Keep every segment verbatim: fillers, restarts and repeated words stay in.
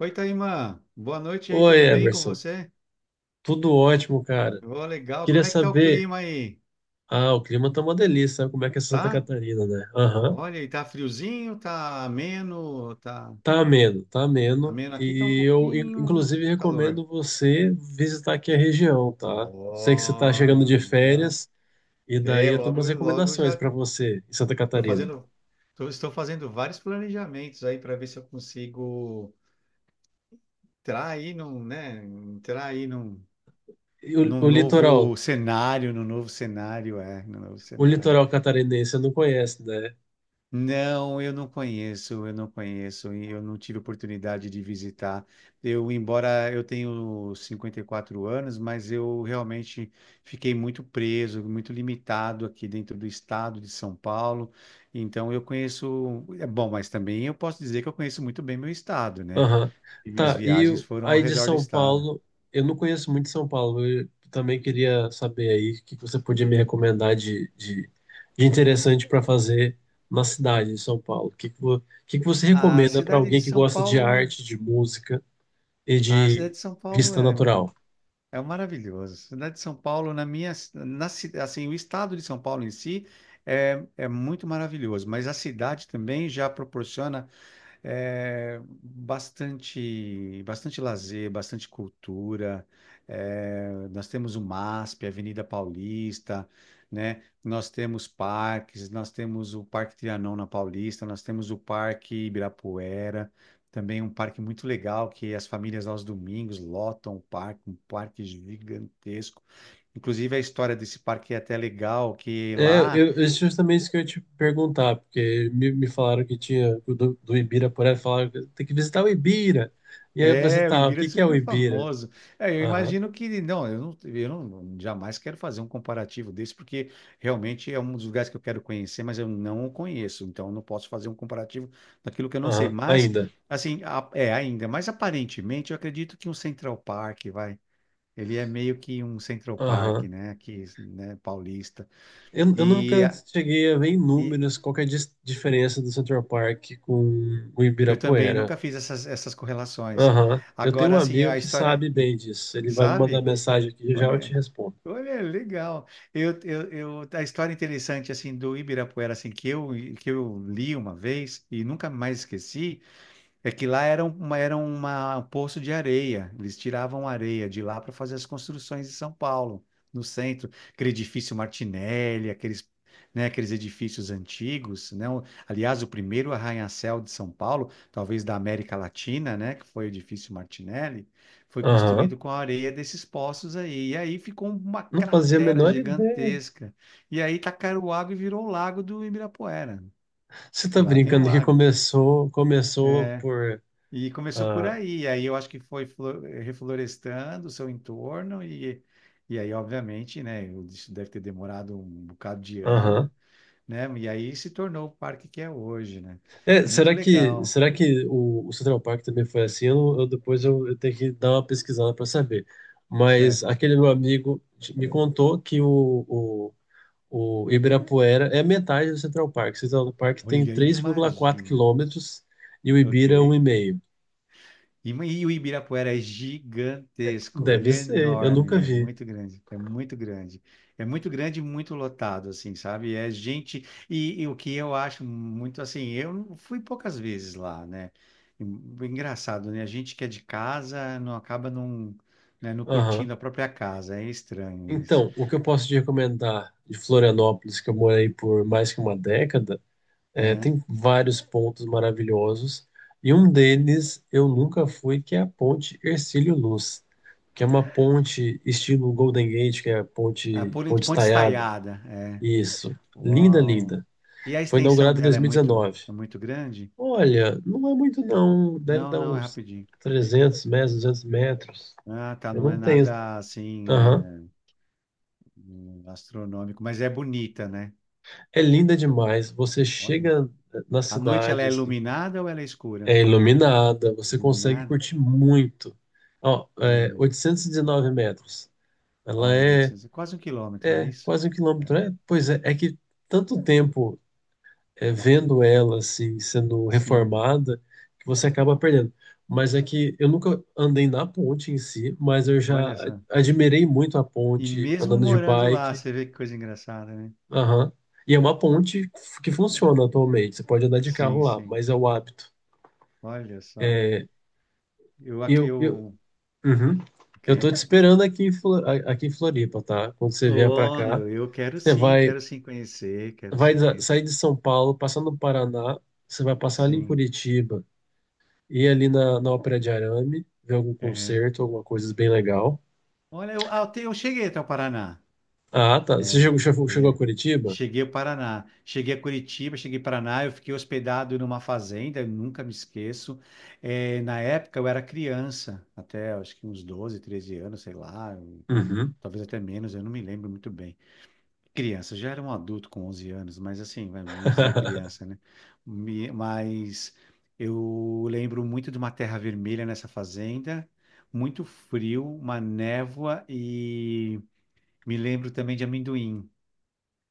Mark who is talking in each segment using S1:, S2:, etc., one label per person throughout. S1: Oi, Taimã. Boa noite aí,
S2: Oi,
S1: tudo bem com
S2: Emerson.
S1: você?
S2: Tudo ótimo, cara.
S1: Ô, legal.
S2: Queria
S1: Como é que tá o
S2: saber.
S1: clima aí?
S2: Ah, o clima tá uma delícia, sabe como é que é Santa
S1: Tá?
S2: Catarina, né? Aham.
S1: Olha, e tá friozinho, tá ameno, tá
S2: Tá ameno, tá
S1: tá
S2: ameno.
S1: ameno aqui, tá um
S2: E eu, in-
S1: pouquinho
S2: inclusive,
S1: calor.
S2: recomendo você visitar aqui a região, tá? Sei que você tá chegando
S1: Ó,
S2: de
S1: legal.
S2: férias, e daí
S1: É,
S2: eu tenho
S1: logo,
S2: umas
S1: logo
S2: recomendações
S1: já
S2: para você em Santa
S1: tô
S2: Catarina.
S1: fazendo, tô- estou fazendo vários planejamentos aí para ver se eu consigo entrar aí num, né, entrar aí num,
S2: E o,
S1: num
S2: o litoral,
S1: novo cenário, num novo cenário, é, num novo
S2: o
S1: cenário.
S2: litoral catarinense você não conhece, né?
S1: Não, eu não conheço, eu não conheço e eu não tive oportunidade de visitar. Eu, embora eu tenho cinquenta e quatro anos, mas eu realmente fiquei muito preso, muito limitado aqui dentro do estado de São Paulo. Então eu conheço, é bom, mas também eu posso dizer que eu conheço muito bem meu estado, né?
S2: Aham.
S1: E minhas
S2: Tá, e
S1: viagens
S2: o-
S1: foram ao
S2: aí de
S1: redor do
S2: São
S1: estado.
S2: Paulo, eu não conheço muito São Paulo, eu também queria saber aí o que que você podia me recomendar de, de, de interessante para fazer na cidade de São Paulo. O que, que, vo- o que que você
S1: A
S2: recomenda para
S1: cidade de
S2: alguém que
S1: São
S2: gosta de
S1: Paulo,
S2: arte, de música e
S1: a cidade
S2: de
S1: de São Paulo
S2: vista
S1: é um
S2: natural?
S1: é maravilhoso. Cidade de São Paulo, na minha, na, ci- assim, o estado de São Paulo em si é, é muito maravilhoso, mas a cidade também já proporciona é, bastante, bastante lazer, bastante cultura. É, nós temos o MASP, a Avenida Paulista, né? Nós temos parques, nós temos o Parque Trianon na Paulista, nós temos o Parque Ibirapuera, também um parque muito legal que as famílias aos domingos lotam o parque, um parque gigantesco. Inclusive a história desse parque é até legal, que
S2: É,
S1: lá.
S2: eu, eu- justamente isso que eu ia te perguntar, porque me, me falaram que tinha que o do, do Ibirapuera, falaram que tem que visitar o Ibira. E aí eu pensei,
S1: É, o
S2: tá, o
S1: Ibira é
S2: que que é o
S1: super
S2: Ibira?
S1: famoso. É, eu
S2: Aham,
S1: imagino que, não, eu não, eu não- jamais quero fazer um comparativo desse, porque realmente é um dos lugares que eu quero conhecer, mas eu não o conheço, então eu não posso fazer um comparativo daquilo que eu não sei.
S2: aham,
S1: Mas,
S2: ainda.
S1: assim, a- é ainda, mas aparentemente eu acredito que um Central Park, vai, ele é meio que um Central Park,
S2: Aham.
S1: né, aqui, né, paulista.
S2: Eu, eu
S1: E,
S2: nunca cheguei a ver em
S1: e
S2: números qual que é a dis- diferença do Central Park com o
S1: eu também
S2: Ibirapuera.
S1: nunca fiz essas, essas correlações.
S2: Aham. Eu tenho um
S1: Agora, assim,
S2: amigo
S1: a
S2: que
S1: história,
S2: sabe bem disso. Ele vai me mandar
S1: sabe?
S2: mensagem aqui e já eu te
S1: Olha,
S2: respondo.
S1: olha, legal. Eu, eu, eu, a história interessante assim do Ibirapuera assim que eu que eu li uma vez e nunca mais esqueci. É que lá era, um, uma, era uma- um poço de areia. Eles tiravam areia de lá para fazer as construções de São Paulo, no centro. Aquele edifício Martinelli, aqueles, né, aqueles edifícios antigos, né? O- Aliás, o primeiro arranha-céu de São Paulo, talvez da América Latina, né, que foi o edifício Martinelli, foi
S2: Aham.
S1: construído com a areia desses poços aí. E aí ficou uma
S2: Não fazia a
S1: cratera
S2: menor ideia.
S1: gigantesca. E aí tacaram água e virou o Lago do Ibirapuera,
S2: Você tá
S1: que lá tem um
S2: brincando que
S1: lago.
S2: começou, começou por.
S1: E começou por
S2: Ah,
S1: aí, aí eu acho que foi flo- reflorestando o seu entorno e, e aí, obviamente, né, isso deve ter demorado um bocado de ano,
S2: aham.
S1: né, e aí se tornou o parque que é hoje, né,
S2: É,
S1: muito
S2: será que,
S1: legal,
S2: será que o, o Central Park também foi assim? Eu, eu- depois eu, eu tenho que dar uma pesquisada para saber. Mas
S1: certo?
S2: aquele meu amigo t- me contou que o, O Ibirapuera é metade do Central Park. O Central Park tem
S1: Olha,
S2: três vírgula quatro
S1: imagina,
S2: quilômetros e o Ibira um
S1: ok?
S2: e meio.
S1: E, ma- e o Ibirapuera é gigantesco, ele
S2: Deve
S1: é
S2: ser, eu nunca
S1: enorme, é
S2: vi.
S1: muito grande, é muito grande. É muito grande e muito lotado, assim, sabe? É gente. E, e o que eu acho muito assim, eu não- fui poucas vezes lá, né? E- Engraçado, né? A gente que é de casa não acaba não, né, não
S2: Aham.
S1: curtindo a própria casa, é estranho isso.
S2: Então, o que eu posso te recomendar de Florianópolis, que eu morei por mais que uma década, é,
S1: É.
S2: tem vários pontos maravilhosos. E um deles eu nunca fui, que é a Ponte Hercílio Luz, que é uma ponte estilo Golden Gate, que é a
S1: A
S2: ponte,
S1: Ponte
S2: ponte
S1: Ponte
S2: estaiada.
S1: Estaiada, é.
S2: Isso. Linda,
S1: Uau!
S2: linda.
S1: E a
S2: Foi
S1: extensão
S2: inaugurado em
S1: dela é muito,
S2: dois mil e dezenove.
S1: é muito grande?
S2: Olha, não é muito não. Deve
S1: Não,
S2: dar
S1: não, é
S2: uns
S1: rapidinho.
S2: trezentos metros, duzentos metros.
S1: Ah, tá,
S2: Eu
S1: não
S2: não
S1: é
S2: tenho.
S1: nada assim,
S2: Aham.
S1: né, hum, astronômico, mas é bonita, né?
S2: É linda demais. Você
S1: Olha.
S2: chega na
S1: À noite ela
S2: cidade,
S1: é
S2: assim,
S1: iluminada ou ela é escura?
S2: é iluminada, você consegue
S1: Iluminada?
S2: curtir muito. Ó, é
S1: Olha,
S2: oitocentos e dezenove metros. Ela
S1: olha,
S2: é,
S1: oitocentos, quase um quilômetro, não é
S2: é
S1: isso?
S2: quase um
S1: É.
S2: quilômetro. É, pois é, é que tanto tempo é, vendo ela assim, sendo
S1: Sim,
S2: reformada, que você acaba perdendo. Mas é que eu nunca andei na ponte em si, mas eu já
S1: olha
S2: a-
S1: só.
S2: admirei muito a
S1: E
S2: ponte
S1: mesmo
S2: andando de
S1: morando lá,
S2: bike.
S1: você vê que coisa engraçada, né?
S2: Aham. E é uma ponte f- que funciona atualmente. Você pode andar de
S1: Sim,
S2: carro lá,
S1: sim,
S2: mas é o hábito.
S1: olha só. Eu,
S2: E
S1: ac-
S2: Eu, eu,
S1: eu,
S2: uhum.
S1: ok.
S2: Eu tô te esperando aqui em, Flo- a- aqui em Floripa, tá? Quando você vier pra
S1: Oh,
S2: cá,
S1: meu, eu quero
S2: você
S1: sim,
S2: vai,
S1: quero sim conhecer, quero
S2: vai
S1: sim
S2: sa-
S1: conhecer.
S2: sair de São Paulo, passar no Paraná, você vai passar ali em
S1: Sim,
S2: Curitiba. Ir ali na, na Ópera de Arame, ver algum
S1: uhum.
S2: concerto, alguma coisa bem legal.
S1: Olha, eu, ah, eu te- eu cheguei até o Paraná.
S2: Ah, tá. Você
S1: É.
S2: chegou, chegou chegou a
S1: É.
S2: Curitiba?
S1: Cheguei ao Paraná. Cheguei a Curitiba, cheguei ao Paraná, eu fiquei hospedado numa fazenda, eu nunca me esqueço. É, na época eu era criança, até acho que uns doze, treze anos, sei lá, eu-
S2: Uhum.
S1: talvez até menos, eu não me lembro muito bem. Criança, já era um adulto com onze anos, mas assim, vai- vamos dizer criança, né? Me- mas eu lembro muito de uma terra vermelha nessa fazenda, muito frio, uma névoa e me lembro também de amendoim.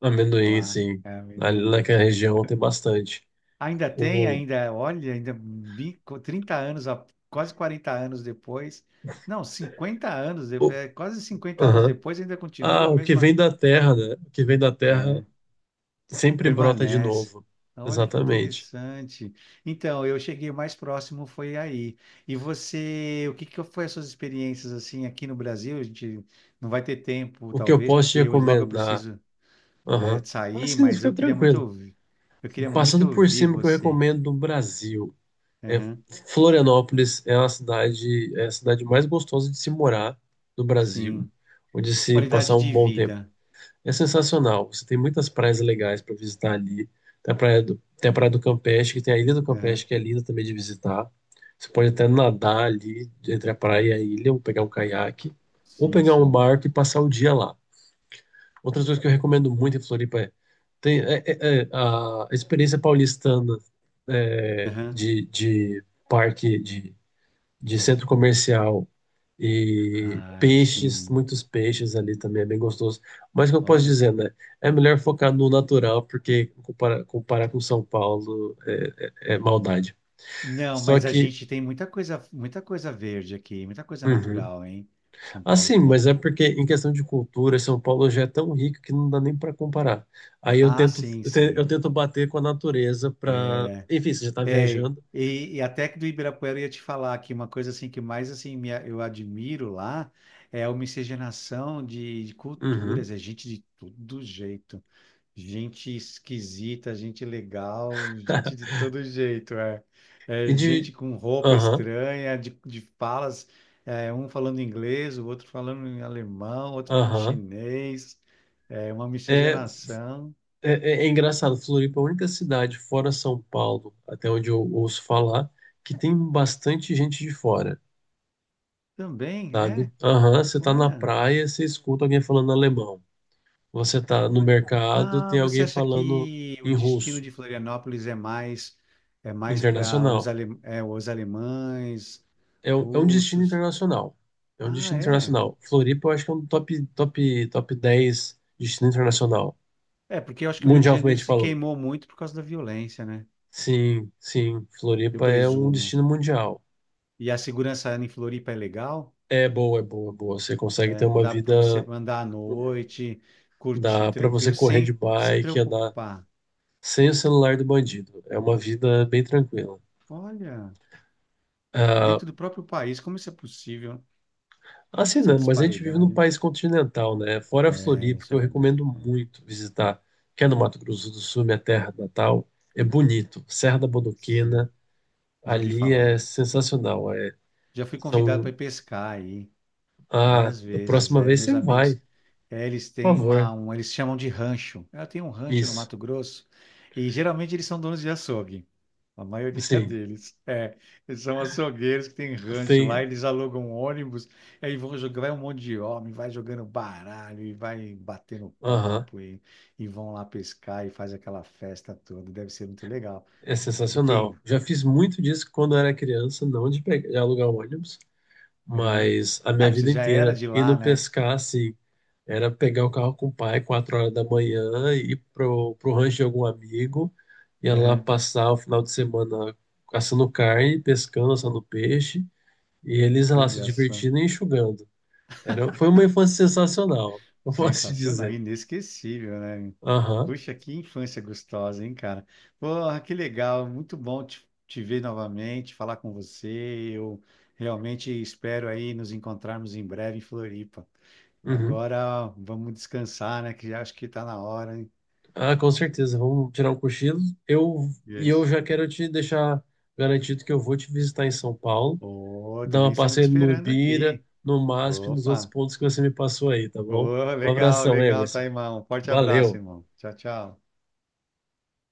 S2: Amendoim,
S1: Lá,
S2: sim.
S1: é
S2: Ali
S1: amendoim.
S2: naquela região tem bastante.
S1: Ainda tem,
S2: O,
S1: ainda, olha, ainda vinte, trinta anos, a- quase quarenta anos depois. Não, cinquenta anos depois,
S2: o,
S1: é, quase cinquenta anos
S2: aham.
S1: depois ainda
S2: Ah,
S1: continua a
S2: o que
S1: mesma,
S2: vem da terra, né? O que vem da terra
S1: é,
S2: sempre brota de
S1: permanece.
S2: novo.
S1: Olha que
S2: Exatamente.
S1: interessante. Então, eu cheguei o mais próximo foi aí. E você, o que que foi as suas experiências assim aqui no Brasil? A gente não vai ter tempo,
S2: O que eu
S1: talvez,
S2: posso te
S1: porque eu, logo eu
S2: recomendar?
S1: preciso, é,
S2: Aham. Ah,
S1: sair,
S2: sim,
S1: mas
S2: fica
S1: eu queria muito
S2: tranquilo.
S1: ouvir. Eu queria muito
S2: Passando por
S1: ouvir
S2: cima, o que eu
S1: você.
S2: recomendo do Brasil. É, Florianópolis é uma cidade, é a cidade mais gostosa de se morar no Brasil,
S1: Sim.
S2: ou de se
S1: Qualidade
S2: passar um
S1: de
S2: bom tempo.
S1: vida.
S2: É sensacional. Você tem muitas praias legais para visitar ali. Tem a praia do, tem a praia do Campeche, que tem a Ilha do
S1: Aham.
S2: Campeche, que é linda também de visitar. Você pode até nadar ali entre a praia e a ilha, ou pegar um caiaque, ou
S1: Sim,
S2: pegar um
S1: sim.
S2: barco e passar o dia lá. Outras coisas que eu recomendo muito em Floripa é, tem, é- é- é a experiência paulistana, é,
S1: Aham.
S2: de, de parque, de de centro comercial e
S1: Ah, a gente
S2: peixes,
S1: tem.
S2: muitos peixes ali também é bem gostoso. Mas o que eu posso
S1: Olha.
S2: dizer, né? É melhor focar no natural, porque comparar, comparar com São Paulo é, é- é maldade.
S1: Não,
S2: Só
S1: mas a
S2: que,
S1: gente tem muita coisa, muita coisa verde aqui, muita coisa
S2: uhum.
S1: natural, hein? São Paulo
S2: Assim,
S1: tem.
S2: mas é porque em questão de cultura, São Paulo já é tão rico que não dá nem para comparar. Aí eu
S1: Ah,
S2: tento,
S1: sim,
S2: eu te-
S1: sim.
S2: eu tento bater com a natureza para, enfim, você já está
S1: É,
S2: viajando.
S1: e, e até que do Ibirapuera eu ia te falar que uma coisa assim que mais assim me, a- eu admiro lá é a miscigenação de, de
S2: Uhum.
S1: culturas, é gente de todo jeito. Gente esquisita, gente legal, gente de todo jeito, é. É,
S2: E
S1: gente
S2: de,
S1: com roupa
S2: aham,
S1: estranha, de, de falas, é, um falando inglês, o outro falando em alemão, o outro falando em
S2: aham.
S1: chinês, é uma
S2: É,
S1: miscigenação.
S2: É, é- é engraçado, Floripa é a única cidade fora São Paulo, até onde eu ouço falar, que tem bastante gente de fora,
S1: Também,
S2: sabe?
S1: é,
S2: Aham, você tá na
S1: olha,
S2: praia, você escuta alguém falando alemão. Você tá no
S1: olha.
S2: mercado,
S1: Ah,
S2: tem
S1: você
S2: alguém
S1: acha
S2: falando
S1: que o
S2: em
S1: destino
S2: russo,
S1: de Florianópolis é mais é mais para os,
S2: internacional.
S1: ale, é, os alemães,
S2: É, um- é um destino
S1: russos?
S2: internacional. É um
S1: Ah,
S2: destino
S1: é?
S2: internacional. Floripa, eu acho que é um top, top, top dez destino internacional,
S1: É, porque eu acho que o Rio de Janeiro
S2: mundialmente
S1: se
S2: falando.
S1: queimou muito por causa da violência, né?
S2: Sim, sim,
S1: Eu
S2: Floripa é um
S1: presumo.
S2: destino mundial.
S1: E a segurança em Floripa é legal,
S2: É boa, é boa, é boa. Você consegue
S1: é,
S2: ter uma
S1: dá para você
S2: vida.
S1: andar à noite, curtir
S2: Dá pra você
S1: tranquilo,
S2: correr de
S1: sem se
S2: bike, andar
S1: preocupar.
S2: sem o celular do bandido. É uma vida bem tranquila.
S1: Olha,
S2: Ah,
S1: dentro do próprio país, como isso é possível?
S2: assim,
S1: Essa
S2: não, mas a gente vive num
S1: disparidade.
S2: país continental, né? Fora a
S1: É,
S2: Floripa, que
S1: isso é
S2: eu
S1: verdade.
S2: recomendo
S1: É,
S2: muito visitar, que é no Mato Grosso do Sul, minha terra natal. É bonito. Serra da
S1: sim,
S2: Bodoquena,
S1: eu já ouvi
S2: ali é
S1: falar.
S2: sensacional. É,
S1: Já fui convidado
S2: são.
S1: para ir pescar aí.
S2: Ah,
S1: Várias
S2: da
S1: vezes,
S2: próxima
S1: é,
S2: vez você
S1: meus
S2: vai,
S1: amigos, é, eles
S2: por
S1: têm uma,
S2: favor.
S1: um, eles chamam de rancho. Ela tem um rancho no
S2: Isso.
S1: Mato Grosso e geralmente eles são donos de açougue. A maioria
S2: Sim.
S1: deles, é, eles são açougueiros que têm rancho lá,
S2: Tem.
S1: eles alugam ônibus, aí vão jogar, vai um monte de homem, vai jogando baralho e vai batendo
S2: Aham.
S1: papo e, e vão lá pescar e faz aquela festa toda. Deve ser muito legal.
S2: É
S1: E quem?
S2: sensacional. Já fiz muito disso quando era criança, não de, pegar, de alugar um ônibus,
S1: Uhum.
S2: mas a
S1: É,
S2: minha
S1: você
S2: vida
S1: já era
S2: inteira
S1: de lá,
S2: indo
S1: né?
S2: pescar assim, era pegar o carro com o pai quatro horas da manhã ir pro, pro rancho de algum amigo, ia lá
S1: Uhum.
S2: passar o final de semana caçando carne, pescando, assando peixe, e eles lá se
S1: Olha só.
S2: divertindo e enxugando. Era, foi uma infância sensacional, eu posso te
S1: Sensacional,
S2: dizer.
S1: inesquecível, né?
S2: Aham,
S1: Puxa, que infância gostosa, hein, cara? Porra, que legal, muito bom te, te ver novamente, falar com você. Eu realmente espero aí nos encontrarmos em breve em Floripa.
S2: uhum.
S1: Agora vamos descansar, né? Que já acho que tá na hora, hein?
S2: Ah, com certeza. Vamos tirar um cochilo. Eu
S1: E é
S2: e eu
S1: isso.
S2: já quero te deixar garantido que eu vou te visitar em São Paulo,
S1: Ô,
S2: dar
S1: também
S2: uma
S1: estamos te
S2: passeio no
S1: esperando
S2: Ibira,
S1: aqui.
S2: no MASP, e nos outros
S1: Opa!
S2: pontos que você me passou aí, tá bom?
S1: Ô,
S2: Um
S1: legal,
S2: abração,
S1: legal, tá,
S2: Emerson.
S1: irmão. Forte abraço,
S2: Valeu.
S1: irmão. Tchau, tchau.